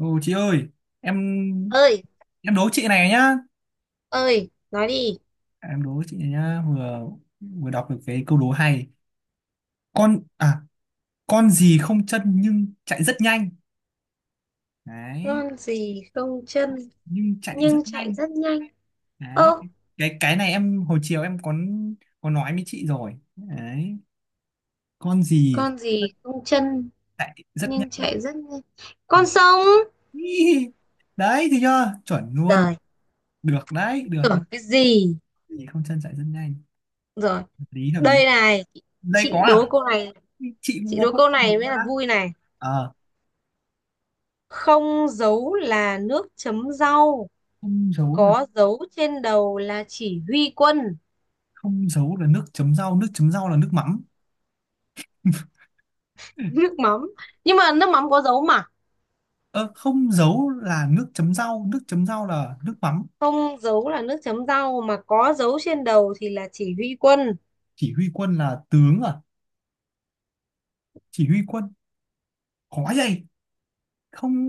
Ô chị ơi, em Ơi, em đố chị này nhá. ơi, nói đi. Em đố chị này nhá, vừa vừa đọc được cái câu đố hay. Con à, con gì không chân nhưng chạy rất nhanh. Đấy, Con gì không chân nhưng chạy rất nhưng chạy nhanh. rất nhanh? Đấy, Ơ, cái này em hồi chiều em có nói với chị rồi. Đấy, con gì con gì không chân chạy rất nhưng nhanh. chạy rất nhanh? Con sông. Ý, Đấy thì chưa? Chuẩn luôn. Rồi, Được đấy, được đấy. tưởng cái gì. Con Gì không chân chạy rất nhanh. Rồi, Hợp lý hợp lý. đây này, Đây có chị đố à? câu này. Chị cũng Chị có đố không câu đố này mới là nữa. vui này. Không dấu là nước chấm rau, không giấu là có dấu trên đầu là chỉ huy quân. Không giấu là nước chấm rau, nước chấm rau là nước mắm. Nước mắm. Nhưng mà nước mắm có dấu mà. Ờ, Không giấu là nước chấm rau, nước chấm rau là nước mắm. Không dấu là nước chấm rau, mà có dấu trên đầu thì là chỉ huy quân. Chỉ huy quân là tướng à? Chỉ huy quân, khó vậy. Không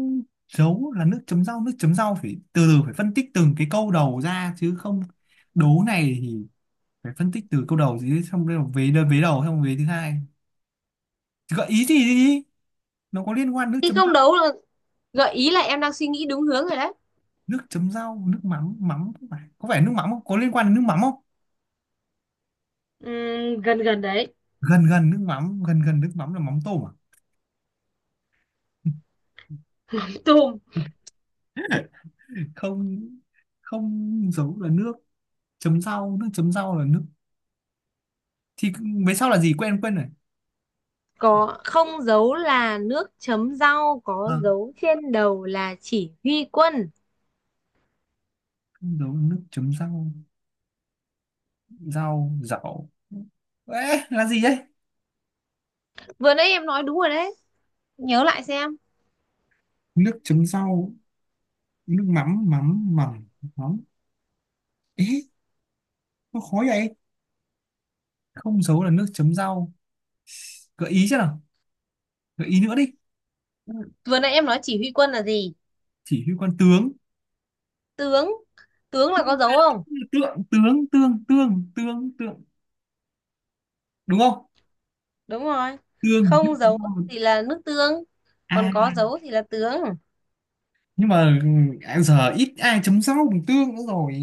giấu là nước chấm rau, nước chấm rau phải từ từ, phải phân tích từng cái câu đầu ra chứ. Không đố này thì phải phân tích từ câu đầu chứ, xong rồi vế đơn, vế đầu xong vế thứ hai. Thì gợi ý gì đi, nó có liên quan nước Khi chấm rau. không đấu là, gợi ý là em đang suy nghĩ đúng hướng rồi đấy. Nước chấm rau nước mắm mắm, có phải, có phải nước mắm không, có liên quan đến nước mắm không? Gần gần đấy. Gần gần nước mắm, gần gần nước mắm là mắm tôm à? Tùm. Không, không giấu là nước chấm rau, nước chấm rau là nước, thì về sau là gì, quên quên rồi. Có không dấu là nước chấm rau, có À, dấu trên đầu là chỉ huy quân. không giấu là nước chấm rau, rau rau. Ê, là gì đấy? Vừa nãy em nói đúng rồi đấy. Nhớ lại xem. Nước chấm rau nước mắm mắm mắm mắm, ế, nó khó vậy. Không giấu là nước chấm rau, gợi ý chứ nào, gợi ý nữa đi. Ừ. Vừa nãy em nói chỉ huy quân là gì? Chỉ huy quan tướng, Tướng. Tướng là có dấu không? tượng tướng tương tương tương tượng, đúng không? Đúng rồi. Tương nước Không chấm dấu rau. thì là nước tương. À, Còn có dấu thì là tướng. nhưng mà giờ ít ai chấm rau bằng tương nữa rồi.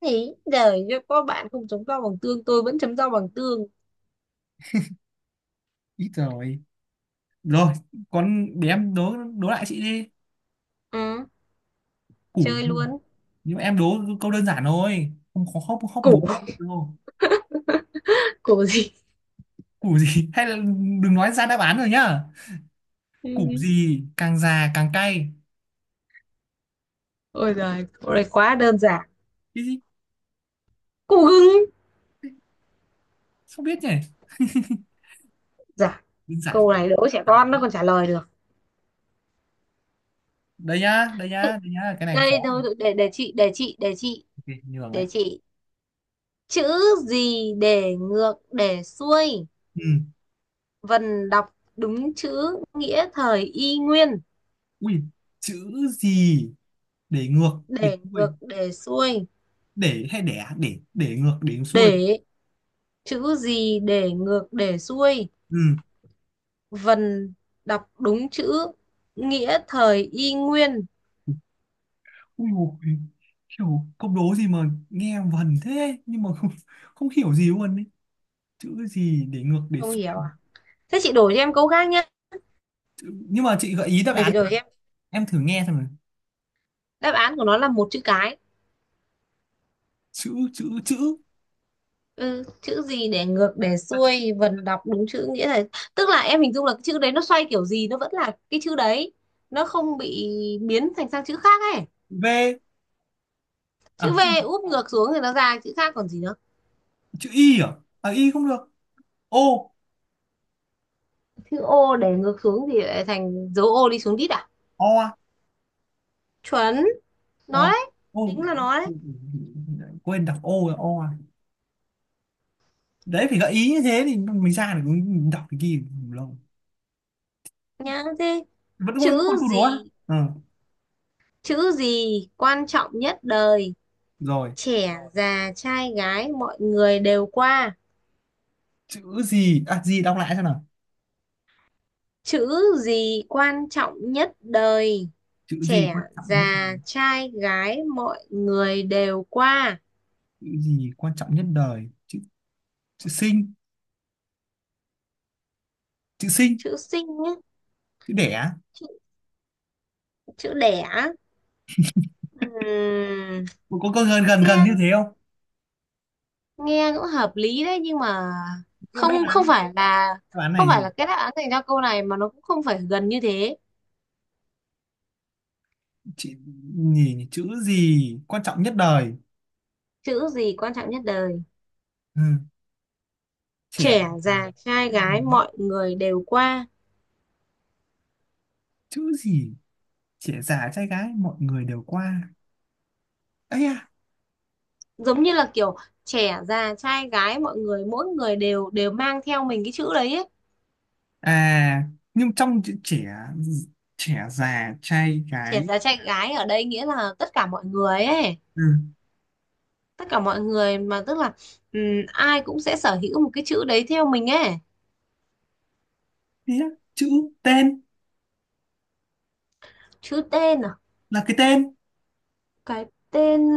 Thì đời cho có bạn không chấm rau bằng tương, tôi vẫn chấm rau bằng tương. Ít rồi. Rồi, con để em đố đố lại chị đi. Ừ, Củ, chơi luôn. nhưng mà em đố câu đơn giản thôi, không khó khóc khóc Cổ, bố đâu. cổ gì? Củ gì hay là đừng nói ra đáp án rồi nhá. Củ Ừ. gì càng già càng cay? Ôi giời, câu này quá đơn giản. Cái gì? Cụ hứng. Không biết nhỉ, Dạ, đơn giản, câu này đố trẻ càng con máy. nó còn trả lời được. Đây nhá, đây nhá, đây nhá, cái này khó đây này. thôi thôi, để chị để chị để chị Ok, nhường đấy. để chị chữ gì để ngược để xuôi, Ừ. vần đọc đúng chữ, nghĩa thời y nguyên. Ui, chữ gì để ngược để Để xuôi, ngược để xuôi, để hay đẻ, để ngược để xuôi. để chữ gì để ngược để xuôi, Ừ. vần đọc đúng chữ, nghĩa thời y nguyên. Ui dồi, kiểu câu đố gì mà nghe vần thế nhưng mà không hiểu gì luôn ấy. Chữ gì để ngược để Không xuôi? hiểu à? Thế chị đổi cho em câu khác nhé. Chữ... nhưng mà chị gợi ý đáp Để án, chị đổi cho em. em thử nghe xem nào. Đáp án của nó là một chữ cái. Chữ chữ chữ Ừ, chữ gì để ngược để à, chữ xuôi vần đọc đúng chữ nghĩa là, tức là em hình dung là cái chữ đấy nó xoay kiểu gì nó vẫn là cái chữ đấy, nó không bị biến thành sang chữ khác ấy. V Chữ à? V úp ngược xuống thì nó ra chữ khác còn gì nữa. Chữ Y à? À Y không được. O. Chữ O để ngược xuống thì lại thành dấu O đi xuống đít à. O à? Chuẩn, O nó đấy, O, chính là nó đấy. quên, đọc O là O à. Đấy phải gợi ý như thế thì mình ra được, đọc cái kia lâu. Nhá thế, Vẫn còn, vẫn còn chữ câu đố à? gì, Ừ. chữ gì quan trọng nhất đời, Rồi, trẻ già trai gái mọi người đều qua. chữ gì à, gì đọc lại xem nào? Chữ gì quan trọng nhất đời, Chữ gì trẻ quan trọng nhất, già trai gái mọi người đều qua? chữ gì quan trọng nhất đời? Chữ chữ sinh, chữ sinh, Chữ sinh ấy, chữ đẻ. chữ, chữ đẻ. Ừm, Có gần gần gần nghe, như thế không? nghe cũng hợp lý đấy nhưng mà Nhưng mà đáp không, không án, phải là, đáp án không này phải gì? là cái đáp án dành cho câu này mà nó cũng không phải gần như thế. Chữ nhỉ, chữ gì quan trọng nhất đời? Chữ gì quan trọng nhất đời, Ừ. Trẻ già, trẻ già trai con gái gái. mọi người đều qua. Chữ gì trẻ già trai gái mọi người đều qua? Ấy à? Giống như là kiểu trẻ già trai gái mọi người, mỗi người đều đều mang theo mình cái chữ đấy ấy. À nhưng trong chữ trẻ, trẻ già trai gái. Trẻ già trai gái ở đây nghĩa là tất cả mọi người ấy. Ừ. Tất cả mọi người mà tức là, ừm, ai cũng sẽ sở hữu một cái chữ đấy theo mình ấy. Thế á, chữ tên, Chữ tên à, là cái tên. cái tên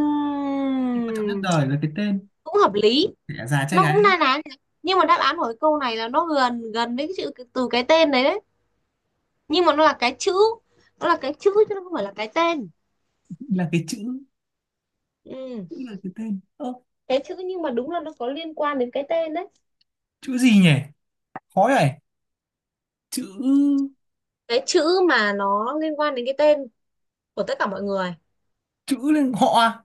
Cái quan trọng nhất đời là cái tên. cũng hợp lý, Trẻ già trai nó cũng gái, na ná, nhưng mà đáp án của cái câu này là nó gần gần với cái chữ cái- từ cái tên đấy đấy, nhưng mà nó là cái chữ, nó là cái chữ chứ nó không phải là cái tên. là cái chữ, Ừ. chữ là cái tên. Ơ, Cái chữ nhưng mà đúng là nó có liên quan đến cái tên đấy. chữ gì nhỉ, khó này. Chữ, Cái chữ mà nó liên quan đến cái tên của tất cả mọi người. chữ lên họ à?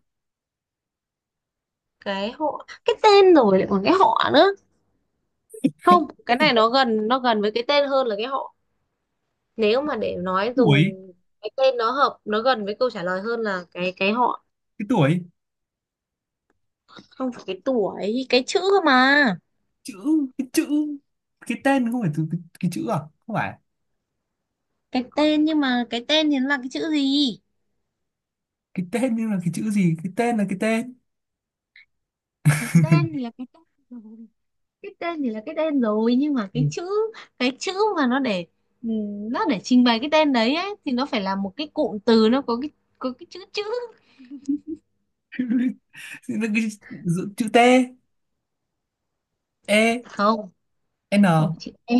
Cái họ, cái tên rồi lại còn cái họ nữa, không cái Cái này nó gần, nó gần với cái tên hơn là cái họ. Nếu mà để nói dùng tuổi, cái tên nó hợp, nó gần với câu trả lời hơn là cái họ. cái tuổi. Không phải cái tuổi, cái chữ cơ mà. Chữ, cái chữ. Cái tên không phải từ cái chữ à? Không phải, Cái tên nhưng mà cái tên thì nó là cái chữ gì? cái tên nhưng là cái chữ gì? Cái tên là cái tên. Cái tên thì là cái tên rồi. Cái tên thì là cái tên rồi nhưng mà Ừ. cái chữ, cái chữ mà nó để, nó để trình bày cái tên đấy ấy, thì nó phải là một cái cụm từ nó có cái, có cái chữ chữ. Thì Là cái, chữ chữ T E Không, N. không phải chữ e,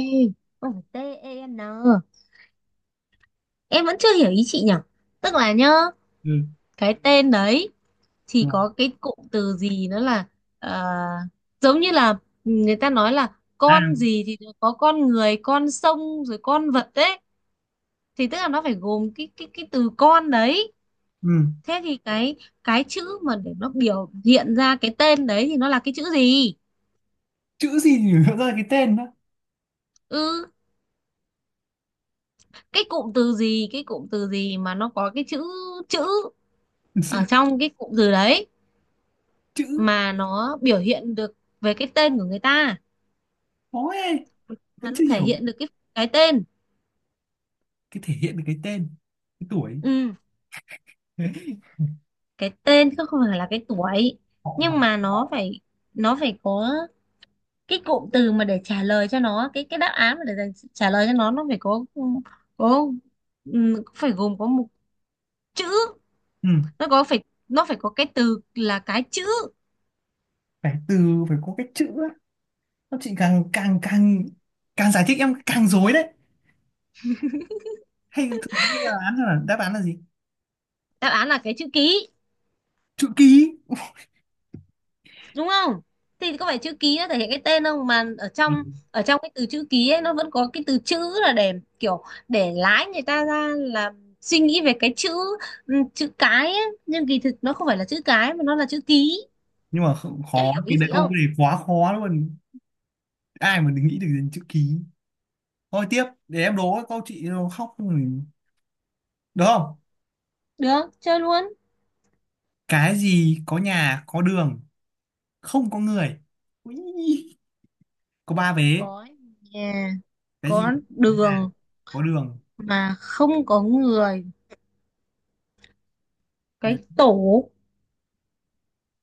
không phải t e n. Em vẫn chưa hiểu ý chị nhỉ. Tức là nhá, Ừ. cái tên đấy thì Rồi. có cái cụm từ gì nữa là, ờ, giống như là người ta nói là À. con gì thì nó có con người, con sông rồi con vật đấy, thì tức là nó phải gồm cái cái từ con đấy. Ừ. Thế thì cái chữ mà để nó biểu hiện ra cái tên đấy thì nó là cái chữ gì. Chữ gì nhỉ, nó ra cái tên đó? Ừ, cái cụm từ gì, cái cụm từ gì mà nó có cái chữ, chữ chữ ở trong cái cụm từ đấy, chữ mà nó biểu hiện được về cái tên của người ta, khó ấy. mà Vẫn nó chưa thể hiểu. hiện được cái tên. Cái thể hiện được cái tên? Cái tuổi? Ừ, cái tên chứ không phải là cái tuổi. Họ mà. Nhưng mà nó phải, nó phải có cái cụm từ mà để trả lời cho nó cái đáp án mà để dành- trả lời cho nó phải có, ừ, phải gồm có một chữ. Ừ. Nó có phải nó phải có cái từ là cái chữ. Phải từ, phải có cái chữ á. Các chị càng càng càng càng giải thích em càng rối đấy. Hay thử nghĩ là án là đáp án là gì? Đáp án là cái chữ ký, Chữ ký. đúng không? Thì có phải chữ ký nó thể hiện cái tên không, mà ở Ừ. trong, ở trong cái từ chữ ký ấy nó vẫn có cái từ chữ là để kiểu để lái người ta ra là suy nghĩ về cái chữ, ừ, chữ cái ấy. Nhưng kỳ thực nó không phải là chữ cái mà nó là chữ ký. Nhưng mà Em khó hiểu ý cái đấy, chị câu không? này quá khó luôn. Ai mà nghĩ được đến chữ ký. Thôi tiếp để em đố câu, chị nó khóc rồi. Được không? Được, chơi luôn. Cái gì có nhà, có đường, không có người. Ui, có ba vế. Có nhà, Cái gì có có nhà, đường có đường. mà không có người. Cái tổ.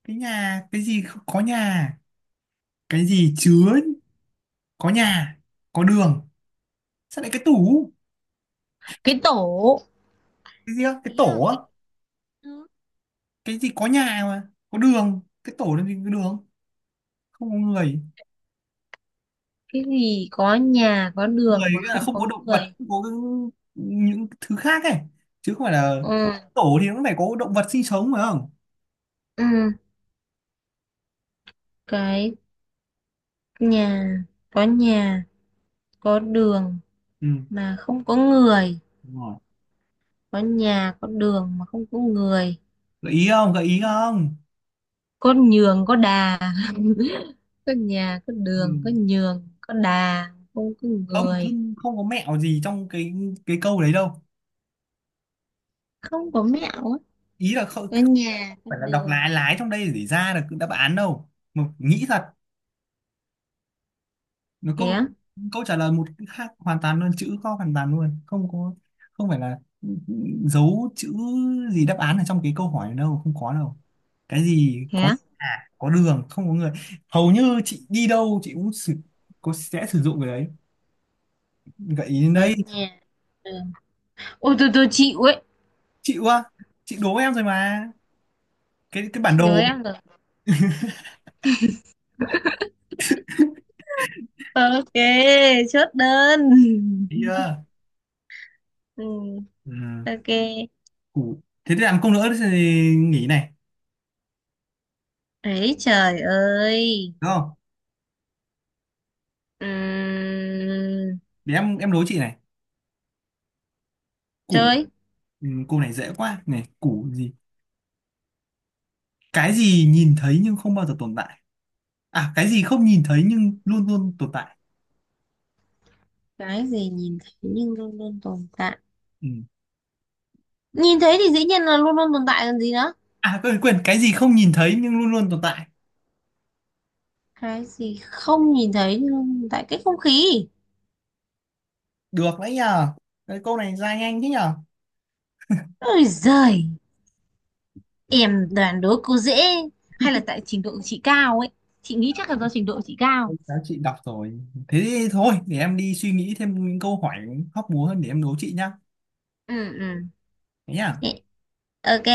Cái nhà, cái gì không có nhà, cái gì chứa có nhà, có đường. Sao lại cái tủ? Cái tổ Cái gì á, cái ý tổ là á? cái. Cái gì có nhà mà có đường, cái tổ làm gì có đường? Không có người, Cái gì có nhà có người đường mà nghĩa là không không có có động vật, người. không có những thứ khác ấy, chứ không phải là Ừ. tổ thì nó phải có động vật sinh sống phải không? Ừ, cái nhà, có nhà, có đường Ừ, mà không có người. đúng rồi. Có nhà có đường mà không có người, Gợi ý không, gợi ý không? có nhường có đà. Có nhà có Ừ. đường có nhường có đà không có không người. không không có mẹo gì trong cái câu đấy đâu. Không có mẹo á? Ý là Có không nhà có phải là đọc lái đường. lái trong đây để ra được đáp án đâu, mà nghĩ thật. Nó Thế câu, á, câu trả lời một cái khác hoàn toàn luôn, chữ kho hoàn toàn luôn, không có, không phải là giấu chữ gì đáp án ở trong cái câu hỏi đâu, không có đâu. Cái gì thế có á. à, có đường không có người, hầu như chị đi đâu chị cũng có sẽ sử dụng cái đấy. Gợi ý đến Có đây, nhà, đường. Ôi, tôi chịu ấy. chịu quá, chị đố em rồi mà, cái bản Chị đố đồ. em rồi. Ok, chốt đơn. Thấy chưa. Ừ, Ừ. ok. Củ thế thì làm công nữa thì nghỉ này, Ấy trời ơi. đúng không? Ừm, Để em đố chị này. Củ, chơi. Cô này dễ quá này. Củ gì, cái gì nhìn thấy nhưng không bao giờ tồn tại, à cái gì không nhìn thấy nhưng luôn luôn tồn tại. Cái gì nhìn thấy nhưng luôn luôn tồn tại? Ừ. Nhìn thấy thì dĩ nhiên là luôn luôn tồn tại còn gì nữa. À quên quên, cái gì không nhìn thấy nhưng luôn luôn tồn tại. Cái gì không nhìn thấy nhưng luôn tồn tại? Cái không khí. Được đấy nhờ, cái câu này ra nhanh thế nhờ. Ôi giời, em đoán đố cô dễ, hay là tại trình độ của chị cao ấy. Chị nghĩ chắc là do trình độ của chị cao. Ôi, các chị đọc rồi, thế thì thôi để em đi suy nghĩ thêm những câu hỏi hóc búa hơn để em đố chị nhá. Ừ, ừ. Thế nhá. Ê, ok.